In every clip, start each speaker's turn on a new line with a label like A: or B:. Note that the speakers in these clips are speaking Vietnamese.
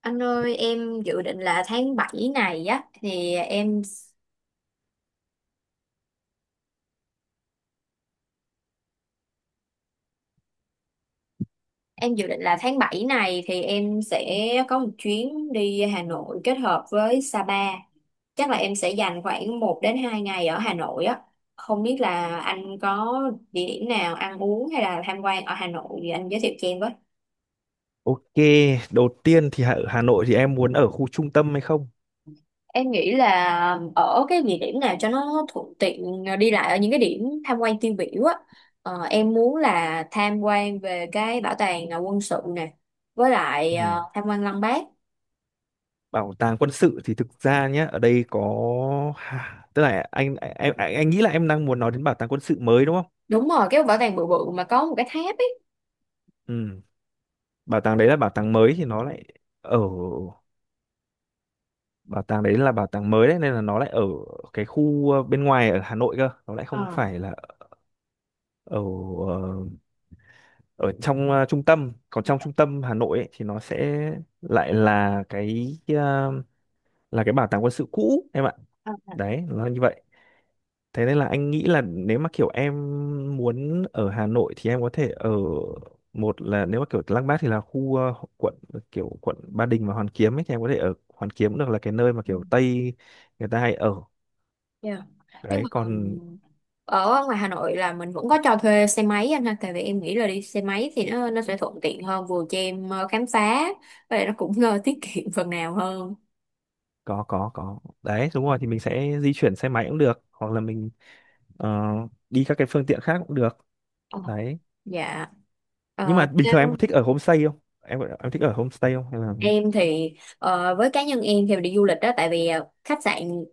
A: Anh ơi, em dự định là tháng 7 này á thì em dự định là tháng 7 này thì em sẽ có một chuyến đi Hà Nội kết hợp với Sapa. Chắc là em sẽ dành khoảng 1 đến 2 ngày ở Hà Nội á. Không biết là anh có địa điểm nào ăn uống hay là tham quan ở Hà Nội thì anh giới thiệu cho em.
B: Ok, đầu tiên thì ở Hà Nội thì em muốn ở khu trung tâm hay không?
A: Em nghĩ là ở cái địa điểm nào cho nó thuận tiện đi lại ở những cái điểm tham quan tiêu biểu á. Em muốn là tham quan về cái bảo tàng quân sự nè, với lại
B: Ừ.
A: tham quan Lăng Bác.
B: Bảo tàng quân sự thì thực ra nhé, ở đây có ha, tức là anh nghĩ là em đang muốn nói đến bảo tàng quân sự mới đúng không?
A: Đúng rồi, cái bảo tàng bự bự mà có một cái tháp ấy.
B: Ừ. Bảo tàng đấy là bảo tàng mới thì nó lại ở Bảo tàng đấy là bảo tàng mới đấy nên là nó lại ở cái khu bên ngoài ở Hà Nội cơ, nó lại không phải là ở ờ, ở trong trung tâm. Còn trong trung tâm Hà Nội ấy, thì nó sẽ lại là cái bảo tàng quân sự cũ em ạ,
A: Ờ.
B: đấy nó như vậy. Thế nên là anh nghĩ là nếu mà kiểu em muốn ở Hà Nội thì em có thể ở, một là nếu mà kiểu Lăng Bác thì là khu quận, kiểu quận Ba Đình và Hoàn Kiếm ấy, thì em có thể ở Hoàn Kiếm cũng được, là cái nơi mà kiểu Tây người ta hay ở
A: Yeah. Nhưng
B: đấy.
A: mà
B: Còn
A: ở ngoài Hà Nội là mình vẫn có cho thuê xe máy anh ha, tại vì em nghĩ là đi xe máy thì nó sẽ thuận tiện hơn, vừa cho em khám phá và lại nó cũng tiết kiệm phần nào hơn.
B: có đấy, đúng rồi, thì mình sẽ di chuyển xe máy cũng được hoặc là mình ờ, đi các cái phương tiện khác cũng được
A: Ờ.
B: đấy.
A: Dạ.
B: Nhưng mà
A: Uh,
B: bình thường em có thích ở homestay không, em thích ở homestay không hay là
A: Em thì với cá nhân em thì đi du lịch đó, tại vì khách sạn,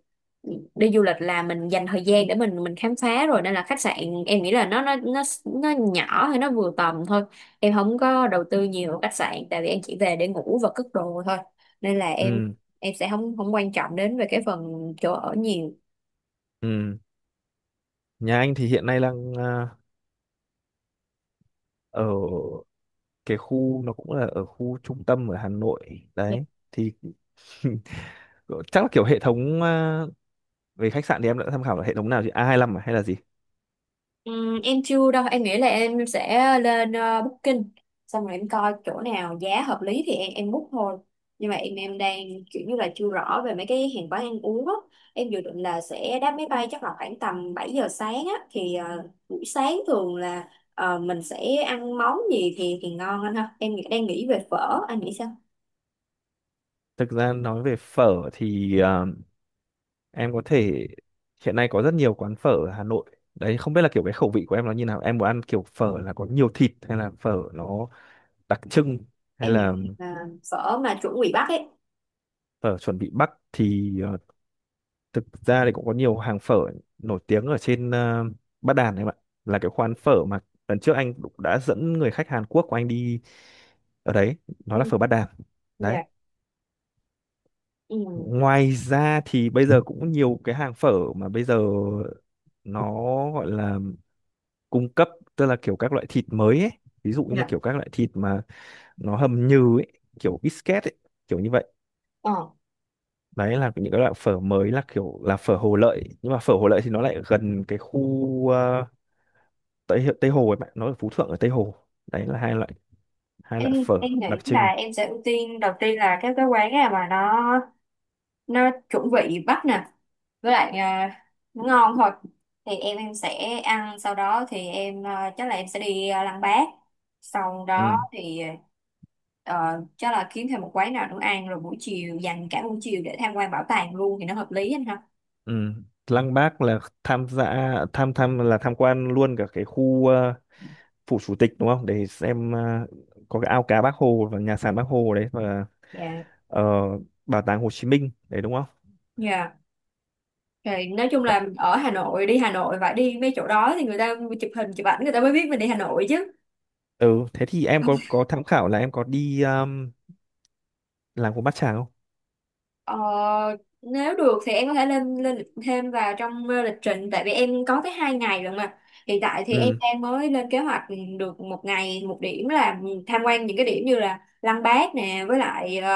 A: đi du lịch là mình dành thời gian để mình khám phá rồi, nên là khách sạn em nghĩ là nó nhỏ hay nó vừa tầm thôi. Em không có đầu tư nhiều vào khách sạn tại vì em chỉ về để ngủ và cất đồ thôi. Nên là em
B: ừ
A: em sẽ không không quan trọng đến về cái phần chỗ ở nhiều.
B: ừ. Nhà anh thì hiện nay đang ở cái khu, nó cũng là ở khu trung tâm ở Hà Nội đấy thì chắc là kiểu hệ thống về khách sạn thì em đã tham khảo là hệ thống nào chứ, A25 à, hay là gì.
A: Ừ, em chưa đâu. Em nghĩ là em sẽ lên Booking, xong rồi em coi chỗ nào giá hợp lý thì em book thôi. Nhưng mà em đang kiểu như là chưa rõ về mấy cái hàng quán ăn uống á. Em dự định là sẽ đáp máy bay chắc là khoảng tầm 7 giờ sáng á, thì buổi sáng thường là mình sẽ ăn món gì thì ngon anh ha. Em đang nghĩ về phở, anh nghĩ sao?
B: Thực ra nói về phở thì em có thể, hiện nay có rất nhiều quán phở ở Hà Nội đấy, không biết là kiểu cái khẩu vị của em nó như nào, em muốn ăn kiểu phở là có nhiều thịt hay là phở nó đặc trưng, hay
A: Em
B: là
A: nghĩ là phở mà chuẩn bị Bắc ấy.
B: phở chuẩn bị Bắc thì thực ra thì cũng có nhiều hàng phở nổi tiếng ở trên Bát Đàn em ạ, là cái quán phở mà lần trước anh cũng đã dẫn người khách Hàn Quốc của anh đi ở đấy, nó
A: Ừ,
B: là phở Bát Đàn đấy.
A: dạ. Ừ,
B: Ngoài ra thì bây giờ cũng nhiều cái hàng phở mà bây giờ nó gọi là cung cấp, tức là kiểu các loại thịt mới ấy, ví dụ như là
A: dạ.
B: kiểu các loại thịt mà nó hầm nhừ ấy, kiểu biscuit ấy, kiểu như vậy.
A: Ờ.
B: Đấy là những cái loại phở mới, là kiểu là phở Hồ Lợi, nhưng mà phở Hồ Lợi thì nó lại gần cái khu Tây Hi- Tây Hồ ấy, bạn nó ở Phú Thượng ở Tây Hồ. Đấy là hai loại, hai
A: em
B: loại phở
A: em nghĩ
B: đặc
A: là
B: trưng.
A: em sẽ ưu tiên đầu tiên là cái quán nào mà nó chuẩn vị Bắc nè, với lại nó ngon thôi, thì em sẽ ăn. Sau đó thì em chắc là em sẽ đi Lăng Bác. Sau đó
B: Ừ
A: thì ờ, chắc là kiếm thêm một quán nào nữa ăn, rồi buổi chiều dành cả buổi chiều để tham quan bảo tàng luôn thì nó hợp lý anh ha.
B: ừ. Lăng Bác là tham gia tham tham là tham quan luôn cả cái khu phủ chủ tịch, đúng không, để xem có cái ao cá Bác Hồ và nhà sàn Bác Hồ đấy, và
A: Dạ.
B: ờ, bảo tàng Hồ Chí Minh đấy, đúng không.
A: Dạ. Thì nói chung
B: Bạn-
A: là ở Hà Nội, đi Hà Nội phải đi mấy chỗ đó thì người ta chụp hình chụp ảnh, người ta mới biết mình đi Hà Nội chứ.
B: ừ thế thì em có tham khảo là em có đi làng của Bát Tràng không.
A: Ờ, nếu được thì em có thể lên lên lịch thêm vào trong lịch trình, tại vì em có tới 2 ngày rồi mà. Hiện tại thì em
B: Ừ
A: đang mới lên kế hoạch được một ngày một điểm, là tham quan những cái điểm như là Lăng Bác nè, với lại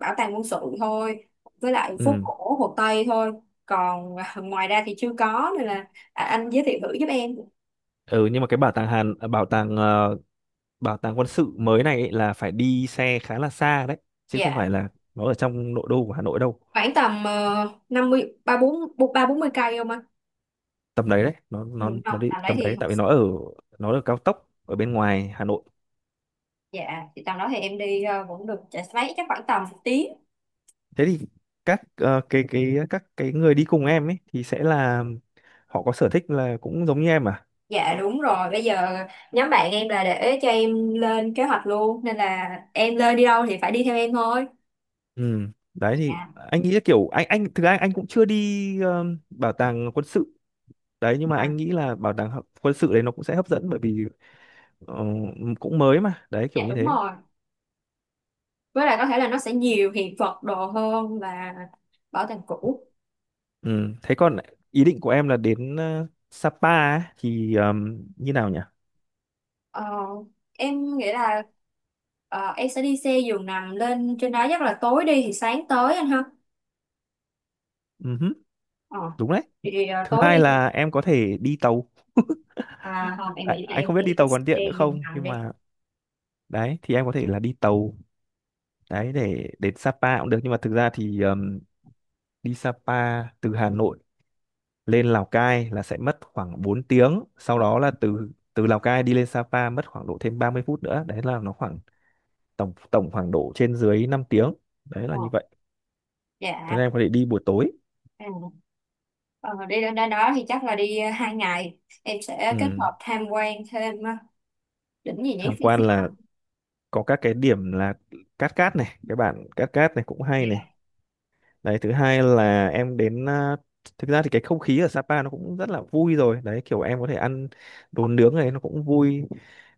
A: bảo tàng quân sự thôi, với lại phố
B: ừ
A: cổ Hồ Tây thôi. Còn ngoài ra thì chưa có, nên là anh giới thiệu thử giúp em.
B: ừ nhưng mà cái bảo tàng Hàn bảo tàng quân sự mới này ấy là phải đi xe khá là xa đấy, chứ không phải
A: Dạ.
B: là nó ở trong nội đô của Hà Nội đâu.
A: Khoảng tầm năm mươi ba bốn mươi cây không ạ?
B: Tầm đấy đấy, nó
A: Ừ,
B: nó
A: không
B: nó đi
A: tầm đấy
B: tầm
A: thì.
B: đấy, tại vì nó ở, nó ở cao tốc ở bên ngoài Hà Nội.
A: Dạ, thì tầm đó thì em đi cũng được, chạy xe máy chắc khoảng tầm 1 tiếng.
B: Thế thì các cái người đi cùng em ấy thì sẽ là họ có sở thích là cũng giống như em à.
A: Dạ đúng rồi, bây giờ nhóm bạn em là để cho em lên kế hoạch luôn, nên là em lên đi đâu thì phải đi theo em thôi.
B: Ừ đấy thì
A: Dạ.
B: anh nghĩ là kiểu anh thực ra anh cũng chưa đi bảo tàng quân sự đấy, nhưng mà
A: à,
B: anh nghĩ là bảo tàng quân sự đấy nó cũng sẽ hấp dẫn, bởi vì ờ, cũng mới mà, đấy kiểu
A: dạ
B: như
A: đúng
B: thế.
A: rồi. Với lại có thể là nó sẽ nhiều hiện vật đồ hơn là bảo tàng cũ.
B: Ừ. Thế còn ý định của em là đến Sapa ấy, thì như nào nhỉ?
A: Ờ, em nghĩ là em sẽ đi xe giường nằm lên trên đó, chắc là tối đi thì sáng tới anh ha.
B: Ừ hứ,
A: Ờ,
B: đúng đấy.
A: thì
B: Thứ
A: tối
B: hai
A: đi thì
B: là em có thể đi tàu.
A: à, không em
B: À,
A: nghĩ là
B: anh
A: em
B: không biết
A: sẽ
B: đi
A: đi
B: tàu còn
A: xe
B: tiện nữa
A: giường
B: không,
A: nằm
B: nhưng
A: đi.
B: mà đấy thì em có thể là đi tàu đấy để đến Sapa cũng được, nhưng mà thực ra thì đi Sapa từ Hà Nội lên Lào Cai là sẽ mất khoảng 4 tiếng, sau đó là từ từ Lào Cai đi lên Sapa mất khoảng độ thêm 30 phút nữa. Đấy là nó khoảng tổng tổng khoảng độ trên dưới 5 tiếng. Đấy là như
A: Ờ.
B: vậy. Thế
A: Dạ.
B: nên em có thể đi buổi tối.
A: À. Ờ, đi lên đó, đó thì chắc là đi hai ngày em sẽ kết
B: Ừ,
A: hợp tham quan thêm đỉnh gì nhỉ,
B: tham
A: Phi
B: quan
A: Phi Băng.
B: là có các cái điểm là Cát Cát này, cái bản Cát Cát này cũng hay này.
A: Dạ.
B: Đấy, thứ hai là em đến thực ra thì cái không khí ở Sapa nó cũng rất là vui rồi. Đấy, kiểu em có thể ăn đồ nướng này, nó cũng vui.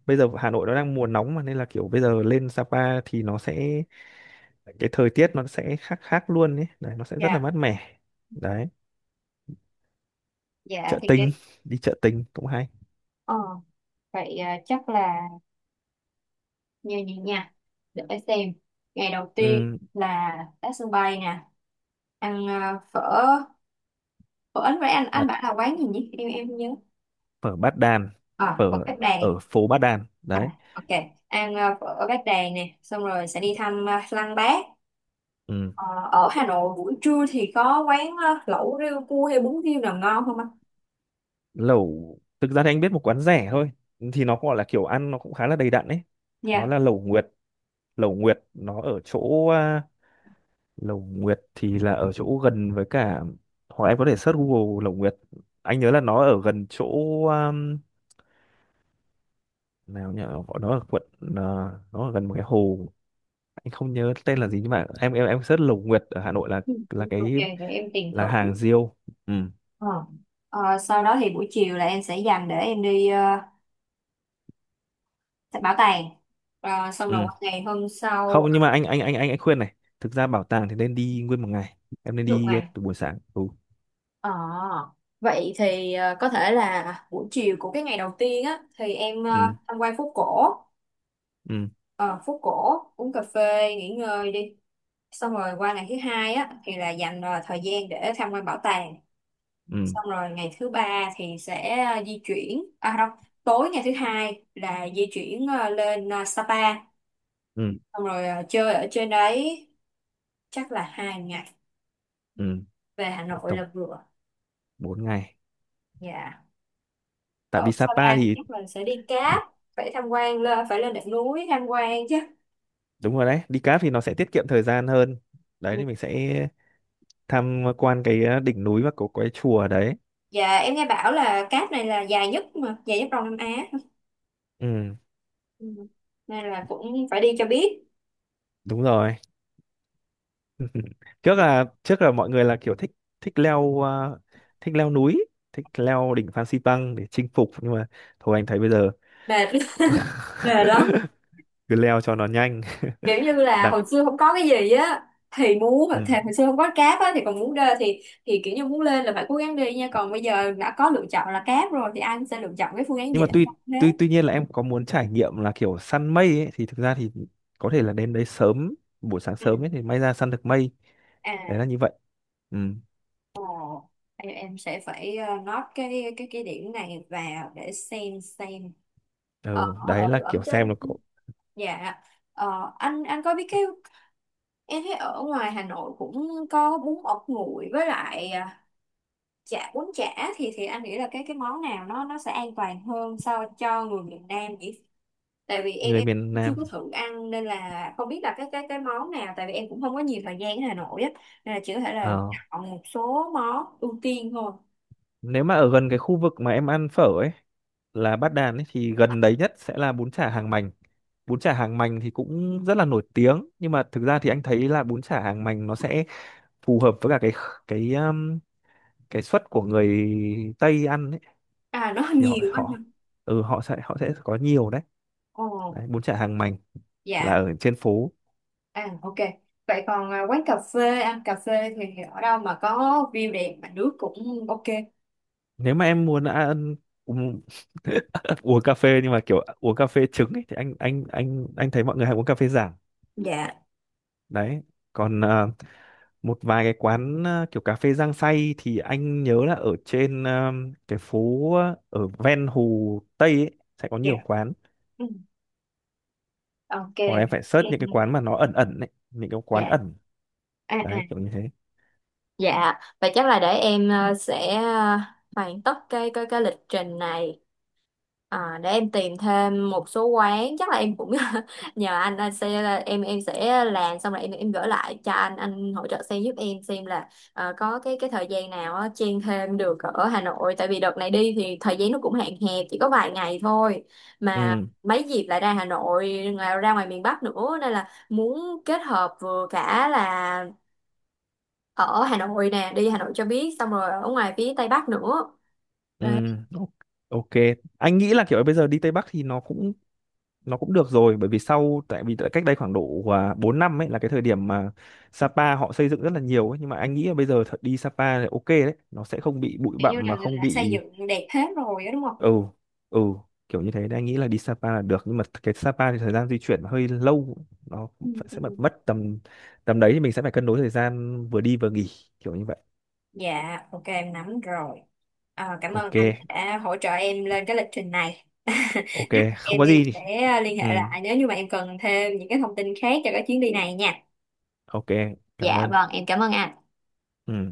B: Bây giờ Hà Nội nó đang mùa nóng mà, nên là kiểu bây giờ lên Sapa thì nó sẽ, cái thời tiết nó sẽ khác khác luôn ấy. Đấy, nó sẽ rất là
A: Dạ.
B: mát mẻ. Đấy,
A: Dạ
B: chợ
A: thì đi
B: Tình, đi chợ Tình cũng hay.
A: ờ, vậy chắc là như vậy nha. Để xem, ngày đầu tiên
B: Ừ,
A: là tới sân bay nè, ăn phở, phở với anh. Anh
B: bát
A: bảo là quán gì nhỉ, em không nhớ.
B: phở Bát Đàn,
A: À, phở
B: phở
A: Bát Đàn.
B: ở phố Bát Đàn.
A: À,
B: Đấy.
A: ok, ăn phở Bát Đàn nè, xong rồi sẽ đi thăm Lăng Bác.
B: Ừ.
A: Ờ, ở Hà Nội buổi trưa thì có quán lẩu riêu cua hay bún riêu nào ngon không anh?
B: Lẩu thực ra thì anh biết một quán rẻ thôi, thì nó gọi là kiểu ăn nó cũng khá là đầy đặn ấy, nó
A: Dạ.
B: là lẩu Nguyệt. Lẩu Nguyệt nó ở chỗ lẩu Nguyệt thì là ở chỗ gần với cả, hoặc em có thể search Google lẩu Nguyệt. Anh nhớ là nó ở gần chỗ um, nào nhỉ, gọi nó ở quận nó ở gần một cái hồ, anh không nhớ tên là gì, nhưng mà em search lẩu Nguyệt ở Hà Nội
A: Ừ,
B: là
A: ok,
B: cái,
A: vậy em tìm thử.
B: là hàng riêu. Ừ
A: Ờ. Ờ, sau đó thì buổi chiều là em sẽ dành để em đi bảo tàng. Ờ, xong
B: ừ
A: rồi qua ngày hôm sau
B: không, nhưng mà anh khuyên này, thực ra bảo tàng thì nên đi nguyên một ngày, em nên
A: dục
B: đi
A: ngày.
B: từ buổi sáng ừ
A: Ờ, vậy thì có thể là buổi chiều của cái ngày đầu tiên á thì em
B: ừ
A: tham quan phố cổ.
B: ừ
A: Ờ, phố cổ uống cà phê nghỉ ngơi đi. Xong rồi qua ngày thứ hai á thì là dành thời gian để tham quan bảo tàng.
B: ừ
A: Xong rồi ngày thứ ba thì sẽ di chuyển, à không, tối ngày thứ hai là di chuyển lên Sapa,
B: ừ,
A: xong rồi chơi ở trên đấy chắc là 2 ngày.
B: ừ.
A: Về Hà Nội
B: Tổng
A: là vừa.
B: 4 ngày,
A: Dạ.
B: tại
A: Ở
B: vì Sapa
A: Sapa thì
B: thì
A: chắc mình sẽ đi cáp, phải tham quan, lên phải lên đỉnh núi tham quan chứ.
B: đúng rồi đấy, đi cáp thì nó sẽ tiết kiệm thời gian hơn đấy, thì mình sẽ tham quan cái đỉnh núi và có cái chùa đấy.
A: Dạ em nghe bảo là cáp này là dài nhất, mà dài nhất Đông Nam Á.
B: Ừ
A: Ừ, nên là cũng phải đi cho biết.
B: đúng rồi. Trước là, trước là mọi người là kiểu thích, thích leo thích leo núi, thích leo đỉnh Phan Xipang để chinh phục, nhưng mà thôi anh thấy bây giờ
A: Mệt mệt lắm.
B: cứ leo cho nó nhanh.
A: Kiểu như là
B: Đẳng
A: hồi xưa không có cái gì á thì muốn,
B: ừ.
A: thì hồi xưa không có cáp á thì còn muốn đê, thì kiểu như muốn lên là phải cố gắng đi nha. Còn bây giờ đã có lựa chọn là cáp rồi thì anh sẽ lựa chọn cái phương án
B: Nhưng mà
A: dễ
B: tuy
A: hơn thế.
B: tuy tuy nhiên là em có muốn trải nghiệm là kiểu săn mây ấy, thì thực ra thì có thể là đến đấy sớm, buổi sáng
A: Ừ.
B: sớm ấy thì may ra săn được mây.
A: À.
B: Đấy là như vậy. Ừ.
A: Ồ. Em sẽ phải note cái điểm này vào để xem xem. ở
B: Ừ
A: ở
B: đấy là
A: ở
B: kiểu xem
A: trên.
B: là có
A: Dạ. Ờ, anh có biết cái em thấy ở ngoài Hà Nội cũng có bún ốc nguội với lại chả, bún chả, thì anh nghĩ là cái món nào nó sẽ an toàn hơn so cho người miền Nam nhỉ. Tại vì em
B: người
A: em
B: miền
A: chưa
B: Nam.
A: có thử ăn nên là không biết là cái món nào, tại vì em cũng không có nhiều thời gian ở Hà Nội á, nên là chỉ có thể là
B: Ờ,
A: chọn một số món ưu tiên thôi.
B: nếu mà ở gần cái khu vực mà em ăn phở ấy, là Bát Đàn ấy, thì gần đấy nhất sẽ là bún chả Hàng Mành. Bún chả Hàng Mành thì cũng rất là nổi tiếng, nhưng mà thực ra thì anh thấy là bún chả Hàng Mành nó sẽ phù hợp với cả cái um, cái suất của người Tây ăn ấy,
A: À nó
B: thì họ
A: nhiều anh ạ.
B: họ ừ họ sẽ có nhiều đấy.
A: Ồ.
B: Đấy bún chả Hàng Mành là
A: Dạ.
B: ở trên phố.
A: À, ok, vậy còn quán cà phê, ăn cà phê thì ở đâu mà có view đẹp mà nước cũng ok?
B: Nếu mà em muốn ăn uống, uống cà phê nhưng mà kiểu uống cà phê trứng ấy, thì anh thấy mọi người hay uống cà phê Giảng
A: Dạ.
B: đấy. Còn một vài cái quán kiểu cà phê Giang Say thì anh nhớ là ở trên cái phố ở ven Hồ Tây ấy, sẽ có
A: Dạ.
B: nhiều quán,
A: Ừ, ok.
B: hoặc là em phải search những cái quán mà nó ẩn ẩn ấy, những cái quán
A: Dạ.
B: ẩn.
A: À
B: Đấy
A: à.
B: kiểu như thế.
A: Dạ, vậy chắc là để em sẽ hoàn tất cái lịch trình này, để em tìm thêm một số quán. Chắc là em cũng nhờ anh sẽ là- em sẽ làm xong rồi em gửi lại cho anh hỗ trợ xem giúp em xem là có cái thời gian nào á, chen thêm được ở Hà Nội, tại vì đợt này đi thì thời gian nó cũng hạn hẹp chỉ có vài ngày thôi mà.
B: Ừ
A: Mấy dịp lại ra Hà Nội ngoài- ra ngoài miền Bắc nữa, nên là muốn kết hợp vừa cả là ở Hà Nội nè, đi Hà Nội cho biết, xong rồi ở ngoài phía Tây Bắc nữa.
B: ừ,
A: Đấy.
B: o- ok. Anh nghĩ là kiểu bây giờ đi Tây Bắc thì nó cũng, nó cũng được rồi, bởi vì sau tại vì tại cách đây khoảng độ 4 năm ấy là cái thời điểm mà Sapa họ xây dựng rất là nhiều ấy, nhưng mà anh nghĩ là bây giờ thật đi Sapa là ok đấy, nó sẽ không bị bụi
A: Kiểu như
B: bặm
A: là
B: mà
A: người ta
B: không
A: đã xây
B: bị
A: dựng đẹp hết rồi đó đúng không?
B: ừ ừ, kiểu như thế. Nên anh nghĩ là đi Sapa là được, nhưng mà cái Sapa thì thời gian di chuyển hơi lâu, nó
A: Ừ.
B: phải-
A: Ừ.
B: sẽ mất mất tầm, tầm đấy thì mình sẽ phải cân đối thời gian vừa đi vừa nghỉ, kiểu như vậy.
A: Dạ ok em nắm rồi. Ờ, cảm ơn
B: Ok,
A: anh đã hỗ trợ em lên cái lịch trình này
B: ok,
A: chắc
B: không
A: em
B: có gì.
A: sẽ liên
B: Ừ,
A: hệ lại nếu như mà em cần thêm những cái thông tin khác cho cái chuyến đi này nha.
B: ok, cảm
A: Dạ
B: ơn.
A: vâng, em cảm ơn anh.
B: Ừ.